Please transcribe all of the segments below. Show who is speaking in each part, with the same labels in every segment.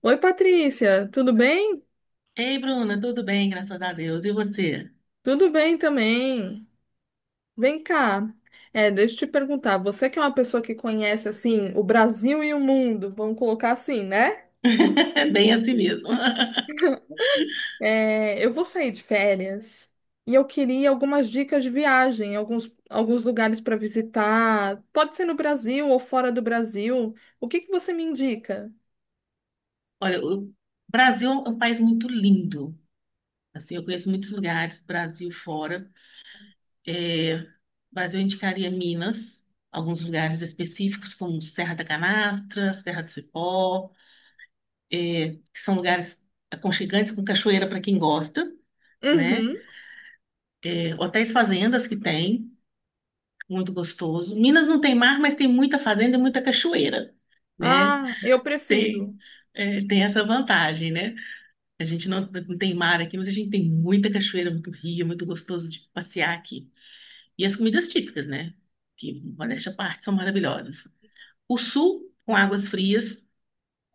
Speaker 1: Oi, Patrícia, tudo bem?
Speaker 2: Ei, Bruna, tudo bem, graças a Deus. E você?
Speaker 1: Tudo bem também. Vem cá. É, deixa eu te perguntar, você que é uma pessoa que conhece assim o Brasil e o mundo, vamos colocar assim, né?
Speaker 2: Bem assim mesmo.
Speaker 1: É, eu vou sair de férias e eu queria algumas dicas de viagem, alguns lugares para visitar. Pode ser no Brasil ou fora do Brasil. O que que você me indica?
Speaker 2: Olha, o Brasil é um país muito lindo. Assim, eu conheço muitos lugares, Brasil fora. É, Brasil eu indicaria Minas, alguns lugares específicos, como Serra da Canastra, Serra do Cipó, que são lugares aconchegantes com cachoeira para quem gosta, né?
Speaker 1: Uhum.
Speaker 2: Hotéis fazendas que tem, muito gostoso. Minas não tem mar, mas tem muita fazenda e muita cachoeira, né?
Speaker 1: Ah, eu prefiro.
Speaker 2: Tem, tem essa vantagem, né? A gente não tem mar aqui, mas a gente tem muita cachoeira, muito rio, muito gostoso de passear aqui. E as comidas típicas, né? Que, modéstia à parte, são maravilhosas. O sul, com águas frias,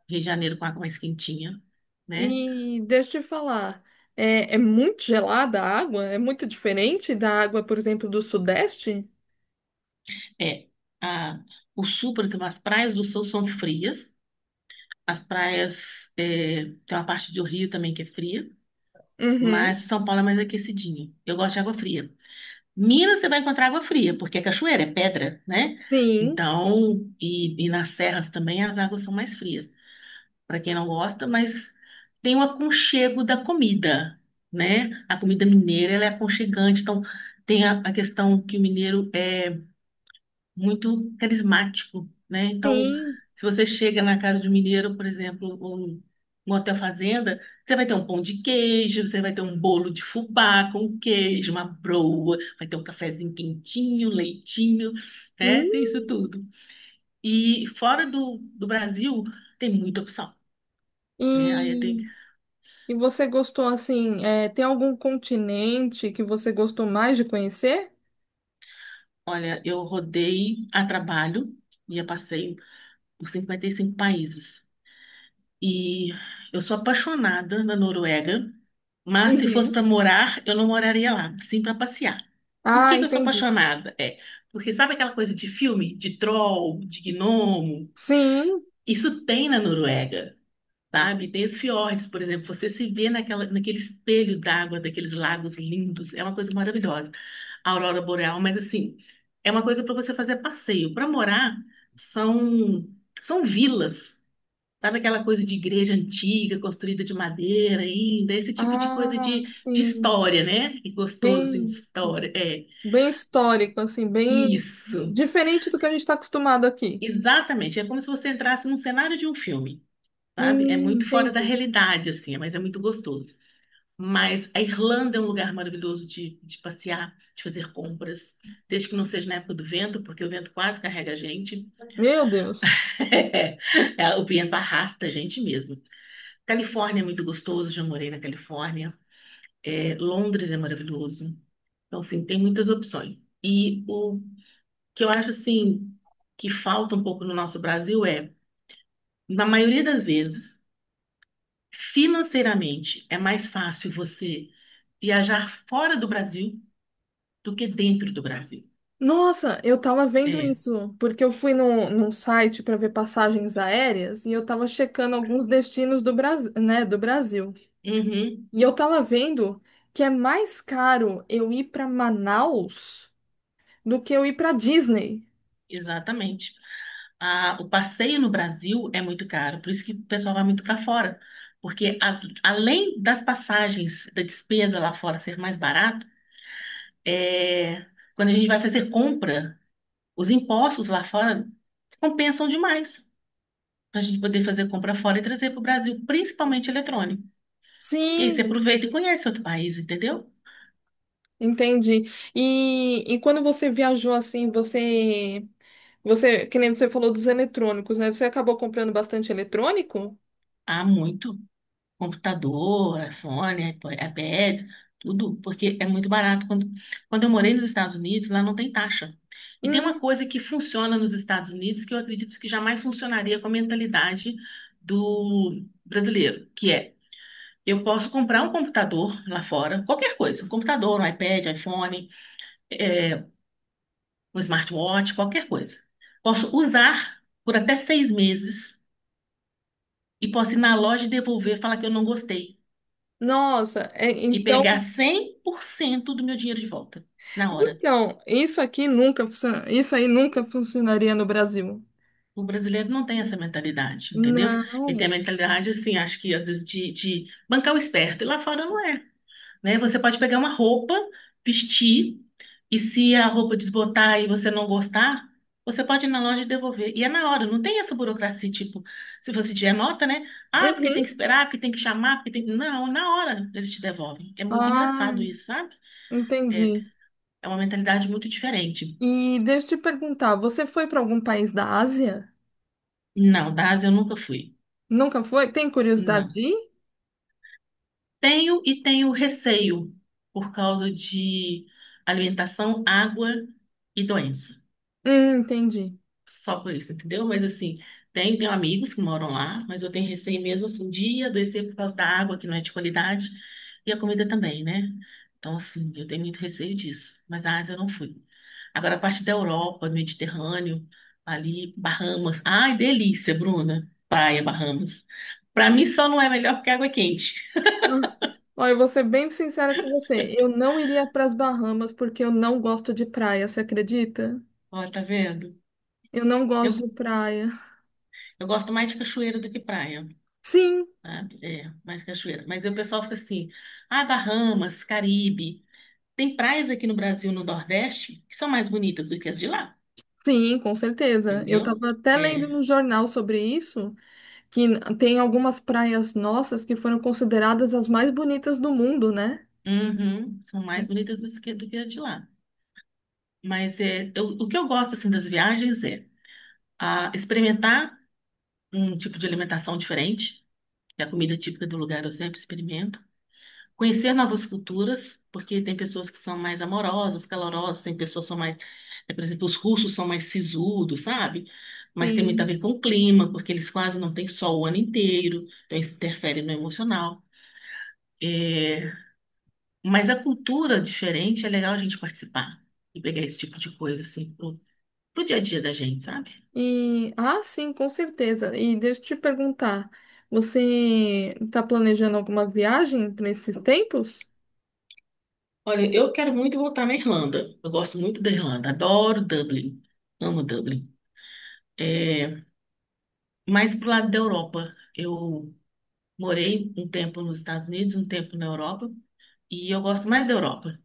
Speaker 2: Rio de Janeiro com água mais quentinha, né?
Speaker 1: E deixa eu te falar, é muito gelada a água? É muito diferente da água, por exemplo, do Sudeste?
Speaker 2: É, a, o sul, por exemplo, as praias do sul são frias. As praias, tem uma parte do Rio também que é fria,
Speaker 1: Uhum.
Speaker 2: mas São Paulo é mais aquecidinho. Eu gosto de água fria. Minas você vai encontrar água fria, porque é cachoeira, é pedra, né?
Speaker 1: Sim,
Speaker 2: Então, e nas serras também as águas são mais frias, para quem não gosta, mas tem o aconchego da comida, né? A comida mineira, ela é aconchegante, então tem a questão que o mineiro é muito carismático, né? Então,
Speaker 1: sim.
Speaker 2: se você chega na casa de um mineiro, por exemplo, ou um hotel fazenda, você vai ter um pão de queijo, você vai ter um bolo de fubá com queijo, uma broa, vai ter um cafezinho quentinho, leitinho,
Speaker 1: Hum.
Speaker 2: né? Tem isso tudo. E fora do Brasil, tem muita opção, né? Aí eu tenho,
Speaker 1: E, e você gostou, assim, tem algum continente que você gostou mais de conhecer?
Speaker 2: olha, eu rodei a trabalho e eu passei por 55 países. E eu sou apaixonada na Noruega, mas se fosse
Speaker 1: Uhum.
Speaker 2: para morar, eu não moraria lá, sim para passear. Por
Speaker 1: Ah,
Speaker 2: que que eu sou
Speaker 1: entendi.
Speaker 2: apaixonada? Porque sabe aquela coisa de filme, de troll, de gnomo?
Speaker 1: Sim.
Speaker 2: Isso tem na Noruega, sabe? Tem os fiordes, por exemplo, você se vê naquele espelho d'água daqueles lagos lindos, é uma coisa maravilhosa. A aurora boreal, mas assim, é uma coisa para você fazer passeio. Para morar, são são vilas. Sabe aquela coisa de igreja antiga, construída de madeira ainda, esse tipo de coisa
Speaker 1: Ah,
Speaker 2: de
Speaker 1: sim.
Speaker 2: história, né? Que gostoso, assim, de
Speaker 1: Bem,
Speaker 2: história.
Speaker 1: bem histórico, assim, bem
Speaker 2: Isso,
Speaker 1: diferente do que a gente está acostumado aqui.
Speaker 2: exatamente. É como se você entrasse num cenário de um filme, sabe? É muito fora da
Speaker 1: Entendi.
Speaker 2: realidade, assim, mas é muito gostoso. Mas a Irlanda é um lugar maravilhoso de passear, de fazer compras, desde que não seja na época do vento, porque o vento quase carrega a gente.
Speaker 1: Meu Deus.
Speaker 2: É, o vento arrasta a gente mesmo. Califórnia é muito gostoso, já morei na Califórnia. É, Londres é maravilhoso. Então, assim, tem muitas opções. E o que eu acho, assim, que falta um pouco no nosso Brasil é, na maioria das vezes, financeiramente, é mais fácil você viajar fora do Brasil do que dentro do Brasil.
Speaker 1: Nossa, eu tava vendo
Speaker 2: É.
Speaker 1: isso, porque eu fui num site para ver passagens aéreas e eu tava checando alguns destinos do Brasil, né, do Brasil.
Speaker 2: Uhum,
Speaker 1: E eu tava vendo que é mais caro eu ir para Manaus do que eu ir para Disney.
Speaker 2: exatamente. A, o passeio no Brasil é muito caro, por isso que o pessoal vai muito para fora. Porque além das passagens da despesa lá fora ser mais barato, é, quando a gente vai fazer compra, os impostos lá fora compensam demais para a gente poder fazer compra fora e trazer para o Brasil, principalmente eletrônico. E aí você
Speaker 1: Sim,
Speaker 2: aproveita e conhece outro país, entendeu?
Speaker 1: entendi. E quando você viajou assim, que nem você falou dos eletrônicos, né? Você acabou comprando bastante eletrônico?
Speaker 2: Há muito computador, iPhone, iPod, iPad, tudo, porque é muito barato. Quando eu morei nos Estados Unidos, lá não tem taxa. E tem uma
Speaker 1: Hum,
Speaker 2: coisa que funciona nos Estados Unidos que eu acredito que jamais funcionaria com a mentalidade do brasileiro, que é: eu posso comprar um computador lá fora, qualquer coisa, um computador, um iPad, iPhone, é, um smartwatch, qualquer coisa. Posso usar por até 6 meses e posso ir na loja e devolver, falar que eu não gostei
Speaker 1: nossa,
Speaker 2: e pegar
Speaker 1: então
Speaker 2: 100% do meu dinheiro de volta na hora.
Speaker 1: então, isso aqui nunca, isso aí nunca funcionaria no Brasil.
Speaker 2: O brasileiro não tem essa mentalidade, entendeu? Ele tem a
Speaker 1: Não.
Speaker 2: mentalidade, assim, acho que às vezes de bancar o esperto. E lá fora não é, né? Você pode pegar uma roupa, vestir, e se a roupa desbotar e você não gostar, você pode ir na loja e devolver. E é na hora, não tem essa burocracia, tipo, se você tiver nota, né? Ah, porque tem que
Speaker 1: Uhum.
Speaker 2: esperar, porque tem que chamar, porque tem... Não, na hora eles te devolvem. É muito
Speaker 1: Ah,
Speaker 2: engraçado isso, sabe? É,
Speaker 1: entendi.
Speaker 2: é uma mentalidade muito diferente.
Speaker 1: E deixa eu te perguntar, você foi para algum país da Ásia?
Speaker 2: Não, da Ásia eu nunca fui.
Speaker 1: Nunca foi? Tem curiosidade de
Speaker 2: Não.
Speaker 1: ir?
Speaker 2: Tenho e tenho receio por causa de alimentação, água e doença.
Speaker 1: Entendi.
Speaker 2: Só por isso, entendeu? Mas assim, tenho amigos que moram lá, mas eu tenho receio mesmo assim de adoecer por causa da água, que não é de qualidade, e a comida também, né? Então, assim, eu tenho muito receio disso, mas a Ásia eu não fui. Agora, a parte da Europa, Mediterrâneo, ali, Bahamas. Ai, delícia, Bruna. Praia, Bahamas. Pra mim só não é melhor porque a água é quente.
Speaker 1: Ah, olha, eu vou ser bem sincera com você. Eu não iria para as Bahamas porque eu não gosto de praia, você acredita?
Speaker 2: Ó, tá vendo?
Speaker 1: Eu não gosto de
Speaker 2: Eu,
Speaker 1: praia.
Speaker 2: eu gosto mais de cachoeira do que praia,
Speaker 1: Sim,
Speaker 2: sabe? É, mais cachoeira. Mas aí o pessoal fica assim, ah, Bahamas, Caribe. Tem praias aqui no Brasil, no Nordeste, que são mais bonitas do que as de lá,
Speaker 1: sim, com certeza. Eu
Speaker 2: entendeu?
Speaker 1: estava até lendo
Speaker 2: É,
Speaker 1: no jornal sobre isso. Tem algumas praias nossas que foram consideradas as mais bonitas do mundo, né?
Speaker 2: uhum, são mais bonitas do que as de lá. Mas é, o que eu gosto assim das viagens é ah, experimentar um tipo de alimentação diferente, que é a comida típica do lugar eu sempre experimento. Conhecer novas culturas, porque tem pessoas que são mais amorosas, calorosas, tem pessoas que são mais, por exemplo, os russos são mais sisudos, sabe? Mas tem muito a
Speaker 1: Sim.
Speaker 2: ver com o clima, porque eles quase não têm sol o ano inteiro, então isso interfere no emocional. É, mas a cultura diferente é legal a gente participar e pegar esse tipo de coisa, assim, pro dia a dia da gente, sabe?
Speaker 1: E ah, sim, com certeza. E deixa eu te perguntar, você está planejando alguma viagem para esses tempos?
Speaker 2: Olha, eu quero muito voltar na Irlanda. Eu gosto muito da Irlanda, adoro Dublin, amo Dublin. É, mais pro lado da Europa, eu morei um tempo nos Estados Unidos, um tempo na Europa, e eu gosto mais da Europa.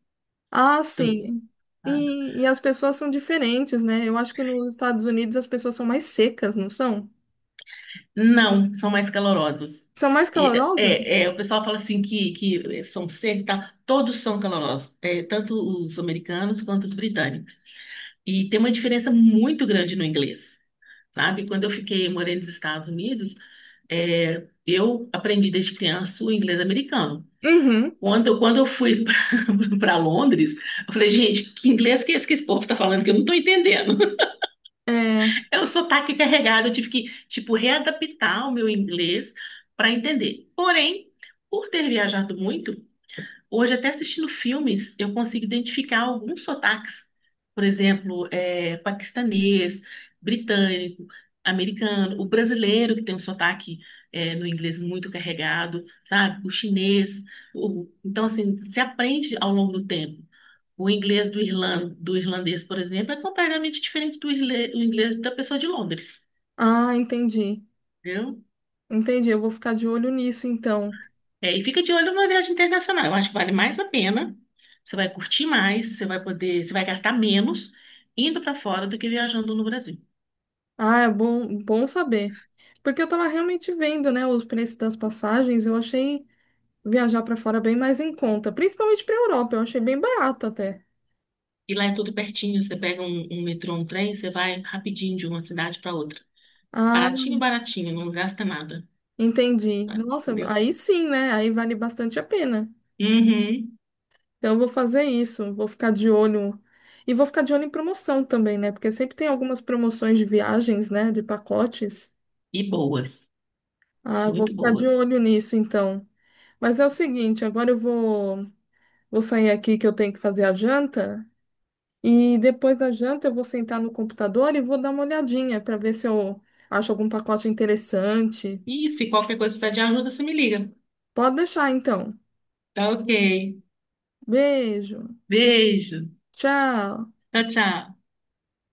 Speaker 1: Ah,
Speaker 2: Do-
Speaker 1: sim.
Speaker 2: ah,
Speaker 1: E as pessoas são diferentes, né? Eu acho que nos Estados Unidos as pessoas são mais secas, não são?
Speaker 2: Não, são mais calorosos.
Speaker 1: São mais
Speaker 2: E,
Speaker 1: calorosas?
Speaker 2: o pessoal fala assim que são secos, tá? Todos são calorosos, é, tanto os americanos quanto os britânicos. E tem uma diferença muito grande no inglês, sabe? Quando eu fiquei morando nos Estados Unidos, eu aprendi desde criança o inglês americano.
Speaker 1: Uhum.
Speaker 2: Quando eu fui para Londres, eu falei, gente, que inglês que é esse que esse povo está falando que eu não estou entendendo?
Speaker 1: É.
Speaker 2: É um sotaque carregado, eu tive que, tipo, readaptar o meu inglês para entender. Porém, por ter viajado muito, hoje, até assistindo filmes, eu consigo identificar alguns sotaques, por exemplo, paquistanês, britânico, americano, o brasileiro, que tem um sotaque no inglês muito carregado, sabe? O chinês. Então, assim, se aprende ao longo do tempo. O inglês do irlandês, por exemplo, é completamente diferente do inglês da pessoa de Londres.
Speaker 1: Ah, entendi.
Speaker 2: Entendeu?
Speaker 1: Entendi. Eu vou ficar de olho nisso, então.
Speaker 2: É, e fica de olho numa viagem internacional. Eu acho que vale mais a pena. Você vai curtir mais, você vai gastar menos indo para fora do que viajando no Brasil.
Speaker 1: Ah, bom saber. Porque eu tava realmente vendo, né, os preços das passagens, eu achei viajar pra fora bem mais em conta, principalmente pra Europa, eu achei bem barato até.
Speaker 2: E lá é tudo pertinho, você pega um metrô, um trem, você vai rapidinho de uma cidade para outra.
Speaker 1: Ah,
Speaker 2: Baratinho, baratinho, não gasta nada.
Speaker 1: entendi.
Speaker 2: Tá?
Speaker 1: Nossa,
Speaker 2: Entendeu?
Speaker 1: aí sim, né? Aí vale bastante a pena.
Speaker 2: Uhum.
Speaker 1: Então eu vou fazer isso, vou ficar de olho. E vou ficar de olho em promoção também, né? Porque sempre tem algumas promoções de viagens, né, de pacotes.
Speaker 2: E boas,
Speaker 1: Ah, eu vou
Speaker 2: muito
Speaker 1: ficar de
Speaker 2: boas.
Speaker 1: olho nisso então. Mas é o seguinte, vou sair aqui que eu tenho que fazer a janta. E depois da janta eu vou sentar no computador e vou dar uma olhadinha para ver se eu acho algum pacote interessante.
Speaker 2: E se qualquer coisa precisar de ajuda, você me liga.
Speaker 1: Pode deixar então.
Speaker 2: Tá, ok.
Speaker 1: Beijo.
Speaker 2: Beijo.
Speaker 1: Tchau.
Speaker 2: Tchau, tchau.